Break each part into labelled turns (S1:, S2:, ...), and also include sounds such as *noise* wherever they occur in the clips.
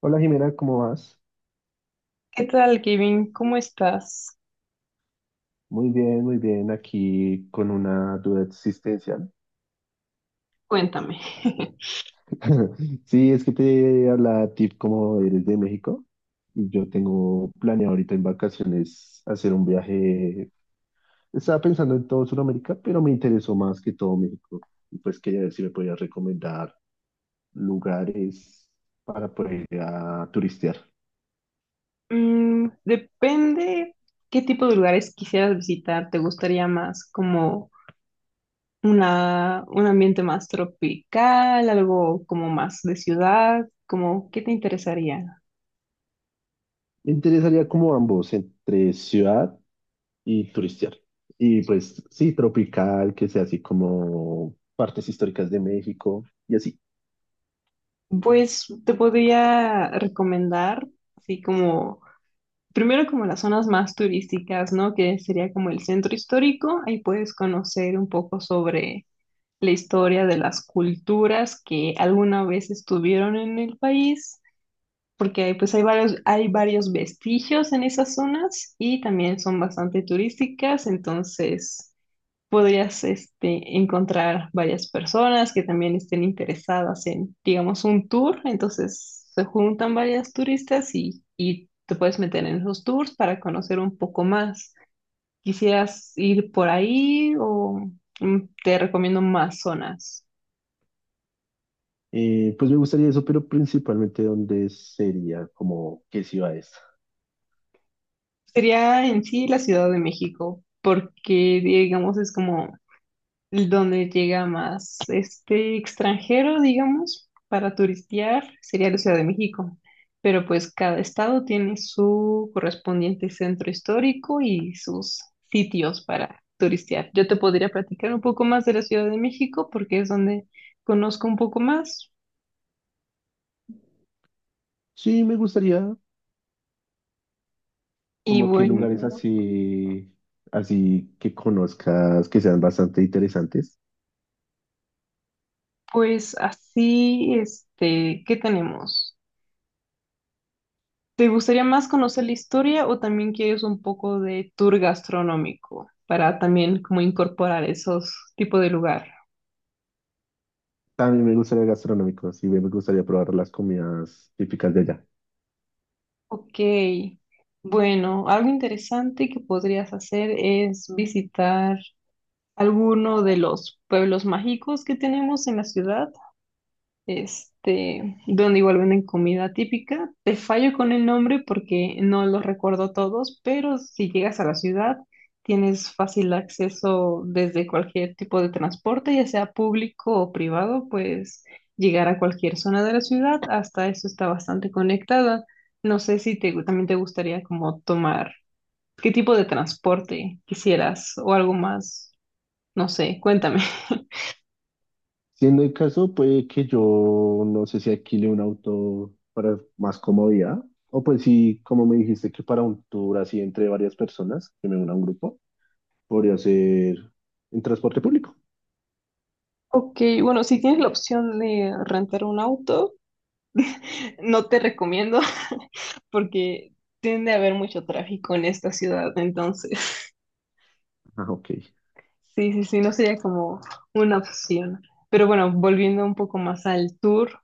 S1: Hola, Jimena, ¿cómo vas?
S2: ¿Qué tal, Kevin? ¿Cómo estás?
S1: Muy bien, aquí con una duda existencial.
S2: Cuéntame. *laughs*
S1: *laughs* Sí, es que te hablaba a ti como eres de México y yo tengo planeado ahorita en vacaciones hacer un viaje. Estaba pensando en todo Sudamérica, pero me interesó más que todo México. Y pues quería ver si me podías recomendar lugares para poder ir a turistear.
S2: Mm, depende qué tipo de lugares quisieras visitar. ¿Te gustaría más como un ambiente más tropical, algo como más de ciudad? Como, ¿qué te interesaría?
S1: Me interesaría como ambos, entre ciudad y turistear. Y pues sí, tropical, que sea así como partes históricas de México y así.
S2: Pues te podría recomendar, así como, primero como las zonas más turísticas, ¿no? Que sería como el centro histórico. Ahí puedes conocer un poco sobre la historia de las culturas que alguna vez estuvieron en el país, porque hay varios vestigios en esas zonas y también son bastante turísticas, entonces podrías encontrar varias personas que también estén interesadas en, digamos, un tour, entonces se juntan varias turistas y te puedes meter en esos tours para conocer un poco más. ¿Quisieras ir por ahí o te recomiendo más zonas?
S1: Pues me gustaría eso, pero principalmente dónde sería, como qué ciudades.
S2: Sería en sí la Ciudad de México, porque digamos es como donde llega más este extranjero, digamos, para turistear, sería la Ciudad de México. Pero pues cada estado tiene su correspondiente centro histórico y sus sitios para turistear. Yo te podría platicar un poco más de la Ciudad de México porque es donde conozco un poco más.
S1: Sí, me gustaría
S2: Y
S1: como que lugares
S2: bueno,
S1: así, así que conozcas, que sean bastante interesantes.
S2: pues así, ¿qué tenemos? ¿Te gustaría más conocer la historia o también quieres un poco de tour gastronómico para también como incorporar esos tipos de lugar?
S1: También me gustaría gastronómicos y me gustaría probar las comidas típicas de allá.
S2: Ok, bueno, algo interesante que podrías hacer es visitar alguno de los pueblos mágicos que tenemos en la ciudad. Donde igual venden comida típica. Te fallo con el nombre porque no los recuerdo todos, pero si llegas a la ciudad, tienes fácil acceso desde cualquier tipo de transporte, ya sea público o privado, pues llegar a cualquier zona de la ciudad, hasta eso está bastante conectada. No sé si te, también te gustaría como tomar, qué tipo de transporte quisieras o algo más, no sé, cuéntame.
S1: Siendo el caso, puede que yo no sé si alquile un auto para más comodidad, o pues sí, como me dijiste que para un tour así entre varias personas, que me una un grupo, podría ser en transporte público.
S2: Ok, bueno, si tienes la opción de rentar un auto, no te recomiendo *laughs* porque tiende a haber mucho tráfico en esta ciudad, entonces
S1: Ah, ok,
S2: sí, sí, sí, no sería como una opción. Pero bueno, volviendo un poco más al tour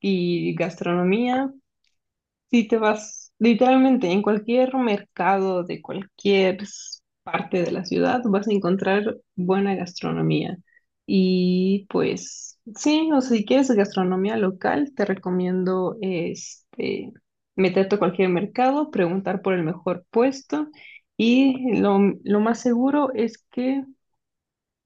S2: y gastronomía, si te vas literalmente en cualquier mercado de cualquier parte de la ciudad, vas a encontrar buena gastronomía. Y pues sí, o si quieres gastronomía local, te recomiendo meterte a cualquier mercado, preguntar por el mejor puesto y lo más seguro es que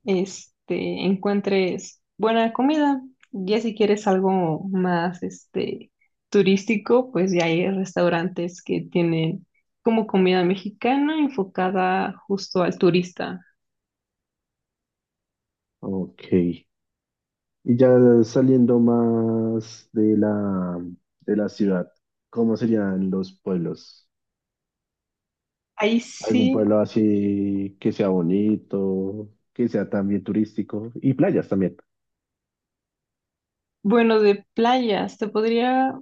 S2: encuentres buena comida. Ya si quieres algo más, turístico, pues ya hay restaurantes que tienen como comida mexicana enfocada justo al turista.
S1: ok. Y ya saliendo más de de la ciudad, ¿cómo serían los pueblos?
S2: Ahí
S1: ¿Algún
S2: sí,
S1: pueblo así que sea bonito, que sea también turístico y playas también?
S2: bueno,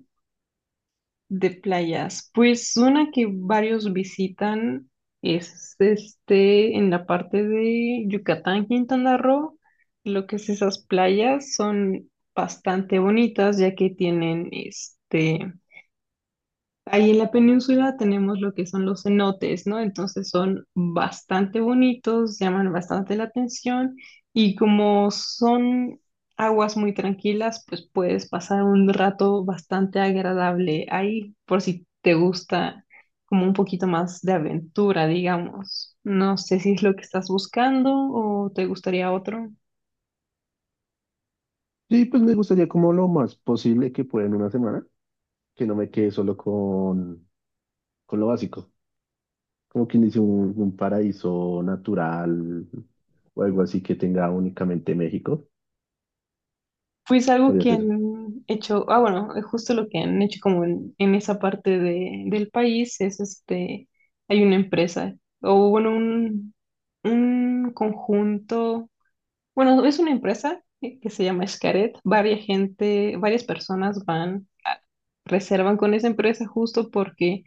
S2: de playas, pues una que varios visitan es en la parte de Yucatán, Quintana Roo. Lo que es esas playas son bastante bonitas ya que tienen ahí en la península tenemos lo que son los cenotes, ¿no? Entonces son bastante bonitos, llaman bastante la atención y como son aguas muy tranquilas, pues puedes pasar un rato bastante agradable ahí, por si te gusta como un poquito más de aventura, digamos. No sé si es lo que estás buscando o te gustaría otro.
S1: Sí, pues me gustaría como lo más posible que pueda en una semana, que no me quede solo con lo básico, como quien dice un paraíso natural o algo así que tenga únicamente México,
S2: Pues algo
S1: podría
S2: que
S1: ser.
S2: han hecho, ah, bueno, es justo lo que han hecho como en esa parte del país es hay una empresa, o bueno, un conjunto, bueno, es una empresa que se llama Xcaret, varias personas van, reservan con esa empresa justo porque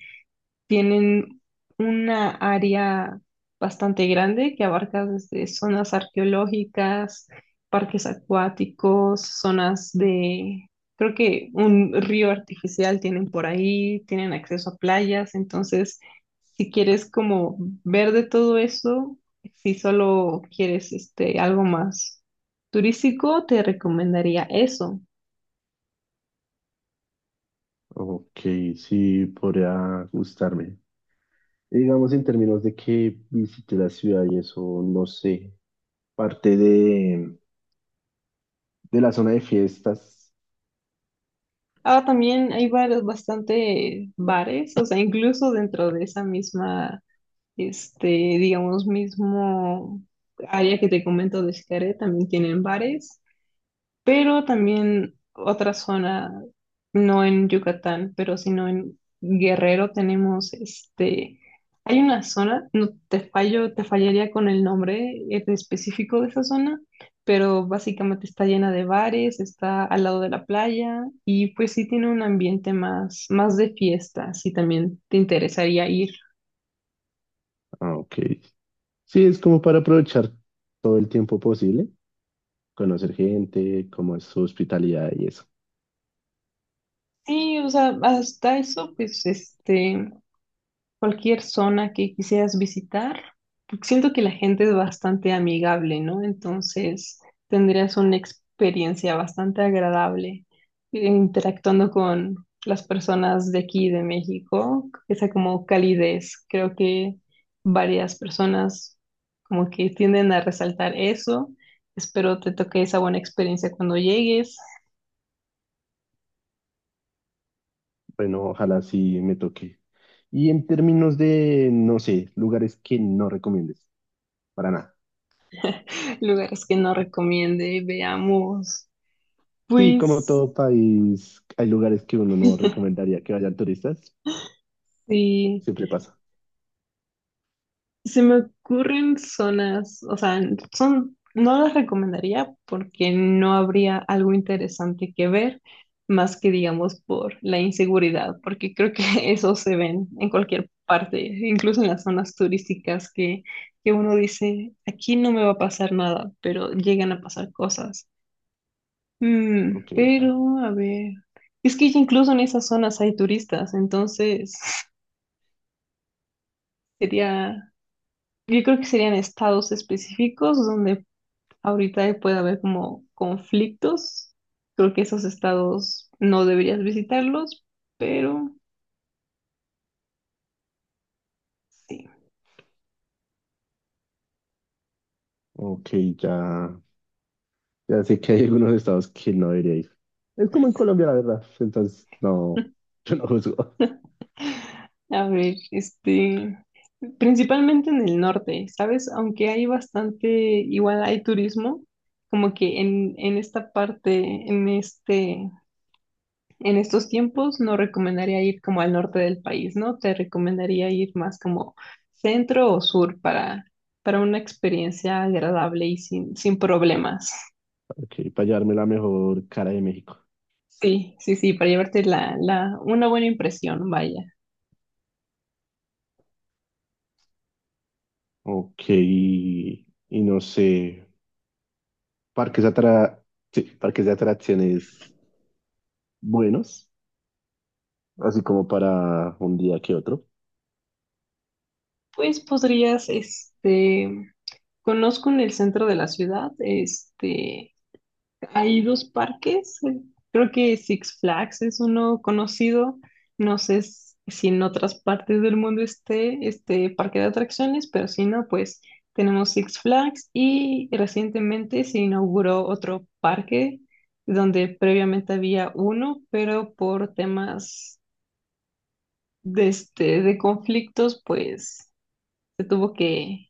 S2: tienen una área bastante grande que abarca desde zonas arqueológicas, parques acuáticos, creo que un río artificial tienen por ahí, tienen acceso a playas, entonces si quieres como ver de todo eso, si solo quieres algo más turístico, te recomendaría eso.
S1: Ok, sí, podría gustarme. Y digamos en términos de que visite la ciudad y eso, no sé, parte de la zona de fiestas.
S2: Ahora también hay varios, bastante bares, o sea, incluso dentro de esa misma digamos, mismo área que te comento de Xcaret, también tienen bares, pero también otra zona, no en Yucatán, pero sino en Guerrero tenemos hay una zona, no te fallo, te fallaría con el nombre en específico de esa zona, pero básicamente está llena de bares, está al lado de la playa y pues sí tiene un ambiente más, más de fiesta, si también te interesaría ir.
S1: Ah, ok. Sí, es como para aprovechar todo el tiempo posible, conocer gente, cómo es su hospitalidad y eso.
S2: Sí, o sea, hasta eso, pues, cualquier zona que quisieras visitar, siento que la gente es bastante amigable, ¿no? Entonces, tendrías una experiencia bastante agradable interactuando con las personas de aquí, de México, esa como calidez. Creo que varias personas como que tienden a resaltar eso. Espero te toque esa buena experiencia cuando llegues.
S1: Bueno, ojalá sí me toque. Y en términos de, no sé, lugares que no recomiendes, para nada.
S2: Lugares que no recomiende, veamos.
S1: Sí, como
S2: Pues
S1: todo país, hay lugares que uno no
S2: *laughs*
S1: recomendaría que vayan turistas.
S2: sí,
S1: Siempre pasa.
S2: se me ocurren zonas, o sea, son, no las recomendaría porque no habría algo interesante que ver, más que digamos por la inseguridad, porque creo que *laughs* eso se ven en cualquier parte, incluso en las zonas turísticas que uno dice, aquí no me va a pasar nada, pero llegan a pasar cosas. Mm,
S1: Ok,
S2: pero, a ver, es que incluso en esas zonas hay turistas, entonces *laughs* sería yo creo que serían estados específicos donde ahorita puede haber como conflictos. Creo que esos estados no deberías visitarlos, pero sí.
S1: ok, ya, ya sé que hay algunos estados que no debería ir. Es como en Colombia, la verdad. Entonces, no, *laughs* yo no juzgo.
S2: *laughs* A ver, principalmente en el norte, ¿sabes? Aunque hay bastante, igual hay turismo, como que en esta parte, en este en estos tiempos no recomendaría ir como al norte del país, ¿no? Te recomendaría ir más como centro o sur para una experiencia agradable y sin problemas.
S1: Ok, para llevarme la mejor cara de México.
S2: Sí, sí, sí, para llevarte una buena impresión, vaya.
S1: Ok, y no sé. parques atra- sí, parques de atracciones buenos, así como para un día que otro.
S2: Pues podrías, conozco en el centro de la ciudad, hay dos parques, creo que Six Flags es uno conocido, no sé si en otras partes del mundo esté este parque de atracciones, pero si no, pues tenemos Six Flags y recientemente se inauguró otro parque donde previamente había uno, pero por temas de conflictos, pues se tuvo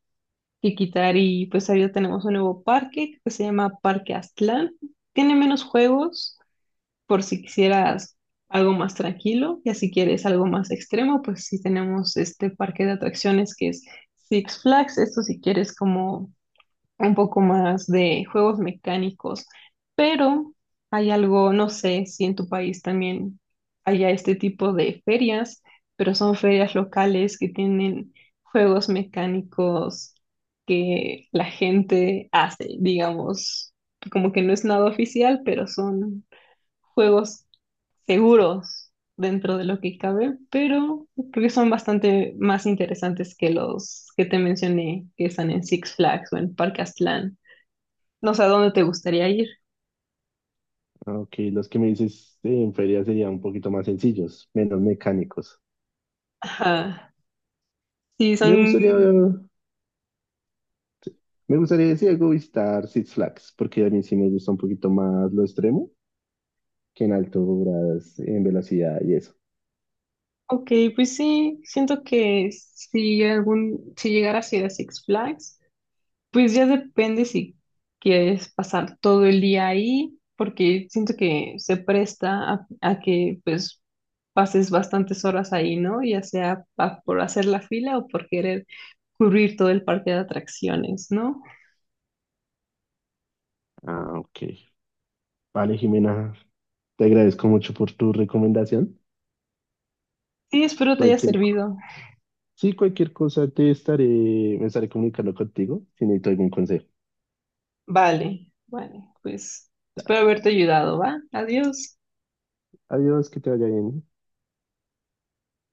S2: que quitar y pues ahora tenemos un nuevo parque que se llama Parque Aztlán, tiene menos juegos por si quisieras algo más tranquilo, y si quieres algo más extremo, pues sí tenemos este parque de atracciones que es Six Flags, esto si quieres como un poco más de juegos mecánicos, pero hay algo, no sé si en tu país también haya este tipo de ferias, pero son ferias locales que tienen juegos mecánicos que la gente hace, digamos, como que no es nada oficial, pero son juegos seguros dentro de lo que cabe, pero creo que son bastante más interesantes que los que te mencioné, que están en Six Flags o en Parque Aztlán. No sé a dónde te gustaría ir.
S1: Aunque los que me dices en feria serían un poquito más sencillos, menos mecánicos.
S2: Ajá. Sí,
S1: Me gustaría,
S2: son...
S1: Me gustaría decir algo, visitar Six Flags, porque a mí sí me gusta un poquito más lo extremo que en alturas, en velocidad y eso.
S2: Ok, pues sí, siento que si llegaras a ir a Six Flags, pues ya depende si quieres pasar todo el día ahí, porque siento que se presta a que pues pases bastantes horas ahí, ¿no? Ya sea por hacer la fila o por querer cubrir todo el parque de atracciones, ¿no?
S1: Ah, ok. Vale, Jimena, te agradezco mucho por tu recomendación.
S2: Sí, espero te haya
S1: Cualquier, co-
S2: servido.
S1: sí, cualquier cosa me estaré comunicando contigo si necesito algún consejo.
S2: Vale, vale, pues espero haberte ayudado, ¿va? Adiós.
S1: Adiós, que te vaya bien.